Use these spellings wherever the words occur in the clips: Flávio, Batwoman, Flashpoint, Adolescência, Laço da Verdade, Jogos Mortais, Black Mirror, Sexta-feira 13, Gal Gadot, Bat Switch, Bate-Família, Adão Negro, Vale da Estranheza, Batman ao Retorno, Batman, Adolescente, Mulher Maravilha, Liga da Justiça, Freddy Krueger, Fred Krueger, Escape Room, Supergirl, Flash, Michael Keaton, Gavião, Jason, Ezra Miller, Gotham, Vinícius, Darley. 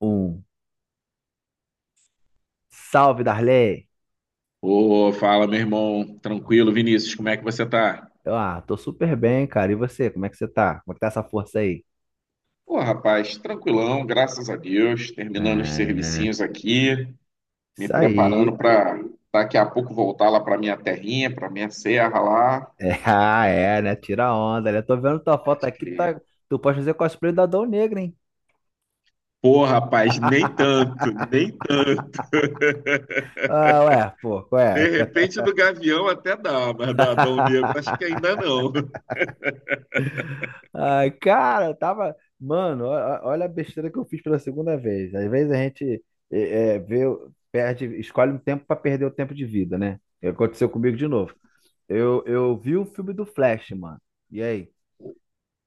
Um. Salve, Darley! Ô, fala, meu irmão. Tranquilo, Vinícius, como é que você tá? Eu, tô super bem, cara. E você, como é que você tá? Como é que tá essa força aí? Ô, rapaz, tranquilão, graças a Deus. Terminando os É, servicinhos aqui, me isso preparando aí. para daqui a pouco voltar lá para minha terrinha, para minha serra lá. É, ah, é, né? Tira a onda, né? Tô vendo tua foto Pode aqui, crer. tá... tu pode fazer cosplay do Adão Negro, hein? Pô, rapaz, nem tanto, nem tanto. Ah, ué, pô, qual De é? repente do Gavião até dá, mas do Adão Negro acho que ainda não. Ai, cara, eu tava. Mano, olha a besteira que eu fiz pela segunda vez. Às vezes a gente vê, perde, escolhe um tempo pra perder o tempo de vida, né? E aconteceu comigo de novo. Eu vi o filme do Flash, mano. E aí?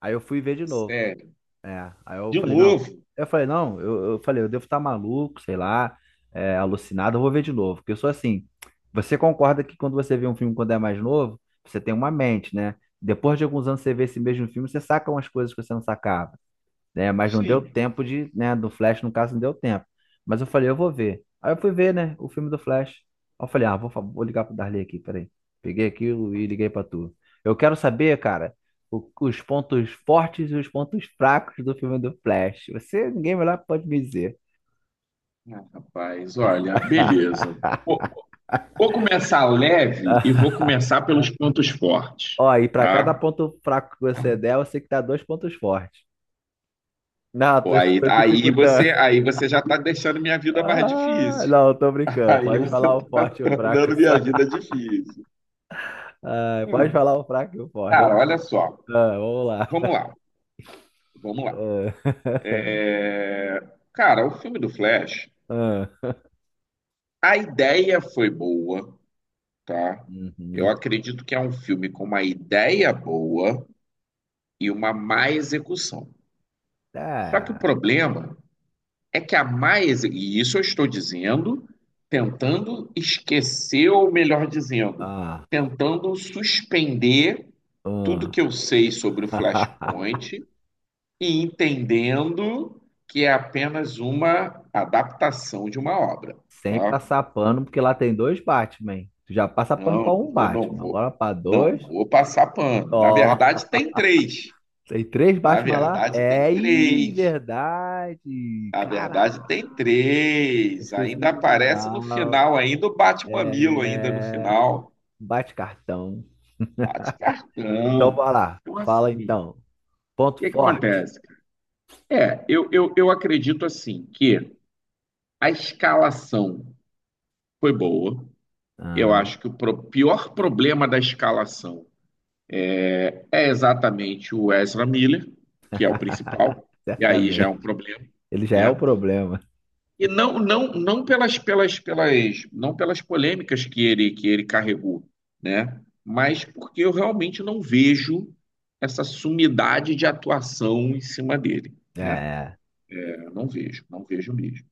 Aí eu fui ver de novo. Sério. É. Aí eu De falei, não. novo? Eu falei, não, eu falei, eu devo estar maluco, sei lá, alucinado, eu vou ver de novo. Porque eu sou assim. Você concorda que quando você vê um filme quando é mais novo, você tem uma mente, né? Depois de alguns anos você vê esse mesmo filme, você saca umas coisas que você não sacava né? Mas não deu Sim. tempo de, né? Do Flash, no caso, não deu tempo. Mas eu falei, eu vou ver. Aí eu fui ver, né? O filme do Flash. Aí eu falei, ah, vou ligar pro Darley aqui, peraí. Peguei aquilo e liguei pra tu. Eu quero saber, cara, os pontos fortes e os pontos fracos do filme do Flash. Você, ninguém melhor pode me dizer. Ah, rapaz, olha, beleza. Vou começar leve e vou começar pelos pontos fortes, Ó, e pra cada tá? ponto fraco que você der, você que dá dois pontos fortes. Não, Pô, aí, tô aí dificultando. você, aí você já está deixando minha vida mais Ah, difícil. não, tô brincando. Aí Pode você falar o está forte e o fraco tornando só. minha vida difícil. Ah, pode Hum, falar o fraco e o forte. cara, olha só. Ah, vamos lá. Vamos lá, vamos lá. Ah, É, Cara, o filme do Flash, ah, a ideia foi boa, tá? Eu uhum. acredito que é um filme com uma ideia boa e uma má execução. Só que o Ah, problema é que a má execução, e isso eu estou dizendo, tentando esquecer, ou melhor dizendo, ah, tentando suspender ah. tudo que eu sei sobre o Flashpoint e entendendo que é apenas uma adaptação de uma obra, Sem tá? passar pano, porque lá tem dois Batman. Tu já passa pano Não, pra um eu não Batman, vou, agora pra não dois. vou passar pano. Na Ó, verdade, tem três. tem três Na Batman lá? verdade, tem É, ih, três. verdade. A Caraca, verdade tem três. esqueci Ainda do aparece no final. final, ainda o bate-mamilo, ainda no É, final. bate cartão. Bate Então, cartão. vai lá. Então, assim, Fala o então. Ponto que que forte. acontece? Eu acredito assim que a escalação foi boa. Eu Ah, acho que o pior problema da escalação é exatamente o Ezra Miller, que é o principal, e aí já é um certamente. problema, Ele já é o né? problema. E não não pelas polêmicas que ele carregou, né? Mas porque eu realmente não vejo essa sumidade de atuação em cima dele, né? É, Eu não vejo, não vejo mesmo.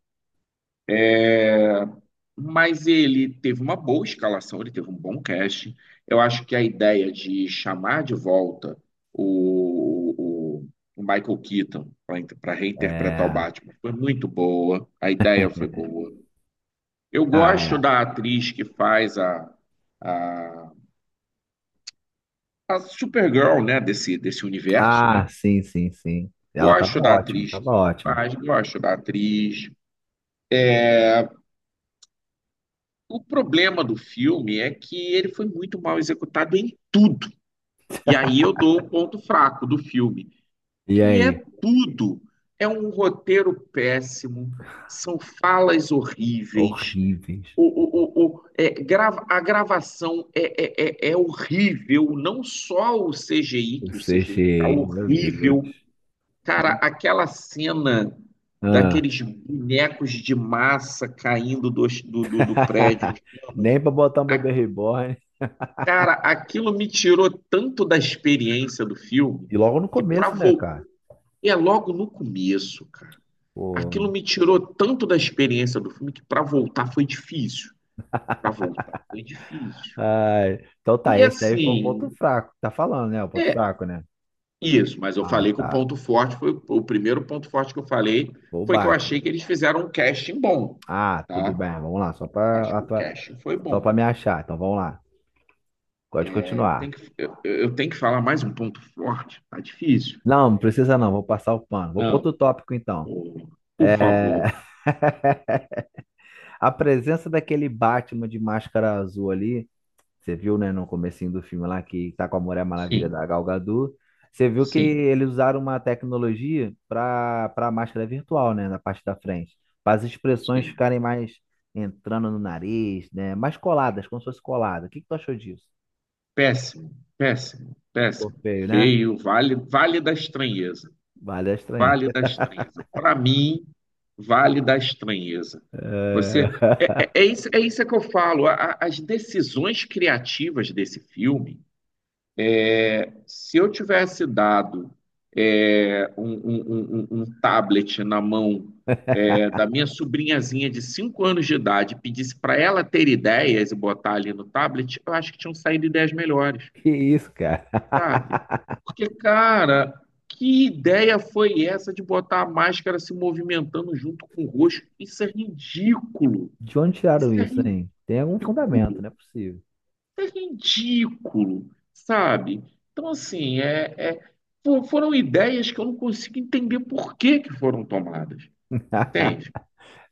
Mas ele teve uma boa escalação, ele teve um bom casting. Eu acho que a ideia de chamar de volta o, o- o Michael Keaton para reinterpretar o é. Batman foi muito boa, a ideia foi boa. Eu Ah, gosto é. da atriz que faz a, a Supergirl, né? Desse universo, Ah, né? sim, sim, sim. Ela tava Gosto da ótima, atriz tava que ótima. faz, gosto da atriz. O problema do filme é que ele foi muito mal executado em tudo. E aí eu dou um ponto fraco do filme, E que é aí? tudo. É um roteiro péssimo, são falas horríveis. Horríveis. A gravação é horrível, não só o CGI, O que o CGI tá CGI, meu Deus. horrível. Cara, aquela cena Ah. daqueles bonecos de massa caindo do prédio em chamas. Nem pra botar um bebê A- reborn. cara, aquilo me tirou tanto da experiência do filme E logo no que pra começo, né, voltar cara? é logo no começo, cara. Aquilo Pô. me tirou tanto da experiência do filme que pra voltar foi difícil. Pra voltar foi difícil. Ai. Então tá, E esse daí foi o ponto assim, fraco. Tá falando, né? O ponto é fraco, né? isso, mas eu Ah, falei que o tá. ponto forte foi o primeiro ponto forte que eu falei Foi o foi que eu Batman. achei que eles fizeram um casting bom, Ah, tudo bem. tá? Vamos lá, Acho que o casting foi só pra bom. me achar. Então vamos lá. Pode É, eu continuar. tenho que, eu, eu tenho que falar mais um ponto forte, tá difícil. Não, não precisa não, vou passar o pano. Vou para outro Não, tópico então. ô, por É, favor. a presença daquele Batman de máscara azul ali, você viu, né, no comecinho do filme lá que tá com a Mulher Maravilha Sim, da Gal Gadot, você viu que sim, eles usaram uma tecnologia para máscara virtual, né, na parte da frente, para as expressões sim. ficarem mais entrando no nariz, né, mais coladas, como se fosse colada. O que que tu achou disso? Péssimo, péssimo, Ficou péssimo. feio, né? Feio, vale, vale da estranheza. Vale a Vale da estranheza. Estranheza. Para mim, Vale da Estranheza. Você É. É isso que eu falo. As decisões criativas desse filme. Se eu tivesse dado um tablet na mão, é, da minha sobrinhazinha de 5 anos de idade, e pedisse para ela ter ideias e botar ali no tablet, eu acho que tinham saído ideias melhores. Que isso, cara? Sabe? Porque, cara, que ideia foi essa de botar a máscara se movimentando junto com o rosto? Isso é ridículo. De onde Isso tiraram é isso, ridículo. hein? Tem algum fundamento, não é possível. Isso é ridículo, sabe? Então, assim, foram ideias que eu não consigo entender por que que foram tomadas. Entende?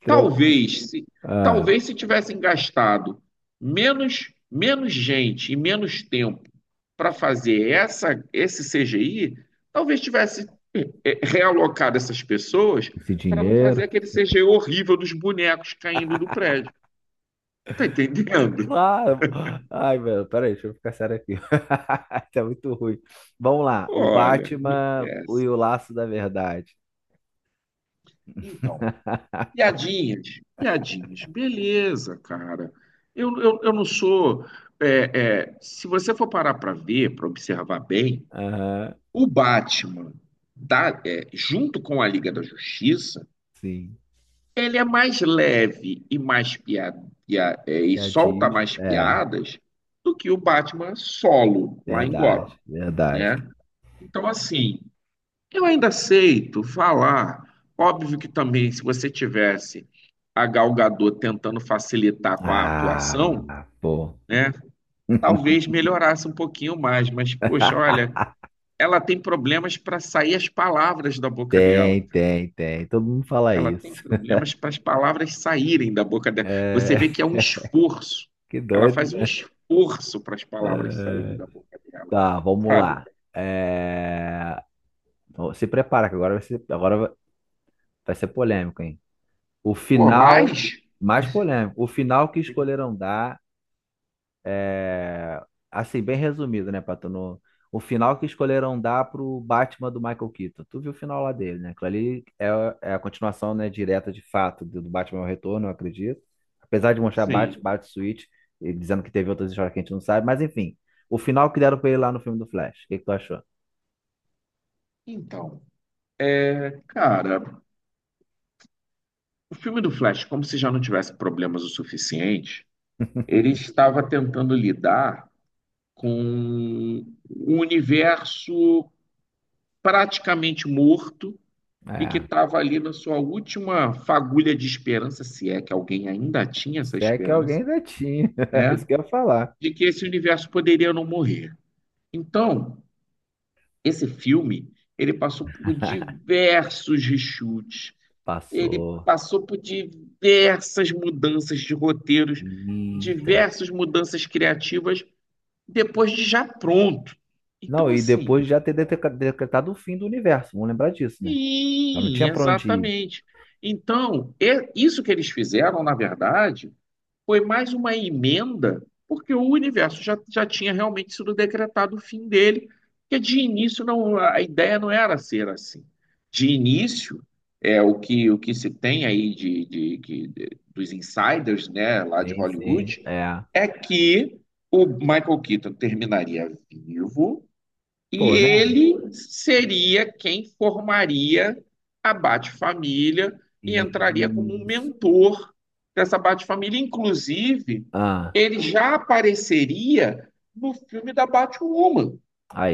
Tran- Talvez, se, Ah, talvez se tivessem gastado menos, menos gente e menos tempo para fazer esse CGI, talvez tivesse realocado essas pessoas esse para não fazer dinheiro. aquele CGI horrível dos bonecos caindo do prédio. Tá entendendo? Claro. Ai, velho, peraí, deixa eu ficar sério aqui. Tá muito ruim. Vamos lá. O Olha, Batman é e assim. o Laço da Verdade. Então, piadinhas, piadinhas, beleza, cara. Eu não sou. Se você for parar para ver, para observar bem, Aham, o Batman, junto com a Liga da Justiça, sim. ele é mais leve e mais e Já solta diz. mais É, piadas do que o Batman solo lá em Gotham, verdade, verdade. né? Então, assim, eu ainda aceito falar. Óbvio que também, se você tivesse a Gal Gadot tentando facilitar com a Ah, atuação, pô. né? Talvez melhorasse um pouquinho mais, mas, poxa, olha, ela tem problemas para sair as palavras da boca dela. Tem, tem, tem. Todo mundo fala Ela tem isso. problemas para as palavras saírem da boca dela. Você É, vê que é um esforço. que Ela doido, faz um né? esforço para as palavras saírem É. da boca dela, Tá, vamos sabe? lá. É, se prepara, que agora vai ser polêmico, hein? O Por final, mais, mais polêmico, o final que escolheram dar, é... assim, bem resumido, né, Pato? No... O final que escolheram dar pro Batman do Michael Keaton. Tu viu o final lá dele, né? Aquilo ali é, é a continuação, né, direta de fato do Batman ao Retorno, eu acredito. Apesar de mostrar sim. Bat Switch, e dizendo que teve outras histórias que a gente não sabe, mas enfim. O final que deram pra ele lá no filme do Flash. O que que tu achou? Então, cara, o filme do Flash, como se já não tivesse problemas o suficiente, ele estava tentando lidar com um universo praticamente morto e que É. estava ali na sua última fagulha de esperança, se é que alguém ainda tinha essa Se é que alguém esperança, ainda tinha. Isso né? que eu ia falar. De que esse universo poderia não morrer. Então, esse filme, ele passou por diversos reshoots, ele Passou. passou por diversas mudanças de roteiros, Eita. diversas mudanças criativas depois de já pronto. Não, Então, e assim, depois de já ter decretado o fim do universo. Vamos lembrar disso, né? Eu não sim, tinha pra onde ir. exatamente. Então, isso que eles fizeram, na verdade, foi mais uma emenda, porque o universo já tinha realmente sido decretado o fim dele, que de início não, a ideia não era ser assim. De início, é o que se tem aí de, que- de- dos insiders, né, lá de Sim, sim. Hollywood, É. é que o Michael Keaton terminaria vivo e Pô, né? ele seria quem formaria a Bate-Família e entraria como um Isso. mentor dessa Bate-Família. Inclusive, Ah, ele já apareceria no filme da Batwoman,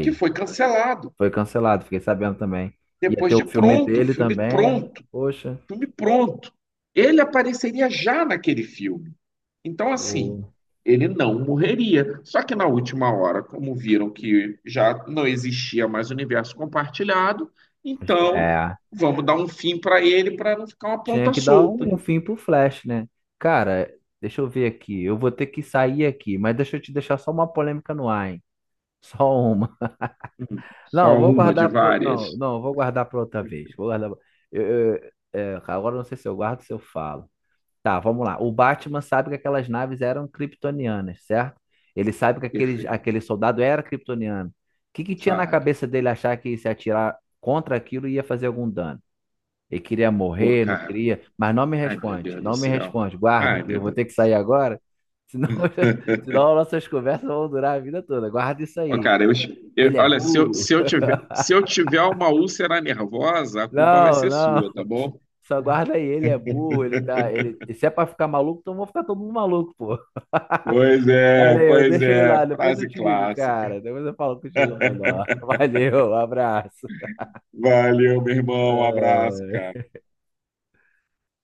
que foi cancelado. Foi cancelado, fiquei sabendo também. Ia Depois ter de o filme pronto, dele também, né? Poxa. filme pronto. Ele apareceria já naquele filme. Então, assim, O... ele não morreria. Só que na última hora, como viram que já não existia mais universo compartilhado, então É. vamos dar um fim para ele para não ficar uma Tinha ponta que dar solta. um fim pro Flash, né? Cara, deixa eu ver aqui. Eu vou ter que sair aqui, mas deixa eu te deixar só uma polêmica no ar, hein? Só uma. Não, eu Só vou uma de guardar pro... Não, várias. não, eu vou guardar para outra vez. Vou guardar. Eu, é, agora eu não sei se eu guardo ou se eu falo. Tá, vamos lá. O Batman sabe que aquelas naves eram kryptonianas, certo? Ele sabe que aquele, Perfeito, aquele soldado era kryptoniano. O que que tinha na sabe? cabeça dele achar que se atirar contra aquilo ia fazer algum dano? Ele queria Pô, morrer, não cara. queria, mas não me Ai, meu responde, Deus do não me céu. responde. Guarda, Ai, que eu meu vou ter que Deus. sair agora, senão, senão nossas conversas vão durar a vida toda. Guarda isso Ó, aí. cara, eu, Ele é olha, burro. se eu tiver, se eu tiver uma úlcera nervosa, a culpa vai Não, ser sua, não. tá bom? Só guarda aí, ele é burro, ele tá, ele, se é pra ficar maluco, então vou ficar todo mundo maluco, pô. Valeu, Pois deixa eu ir é, lá, depois eu frase te ligo, clássica. cara. Depois eu falo contigo melhor. Valeu, um abraço. Valeu, meu irmão. Um abraço, Ah. cara.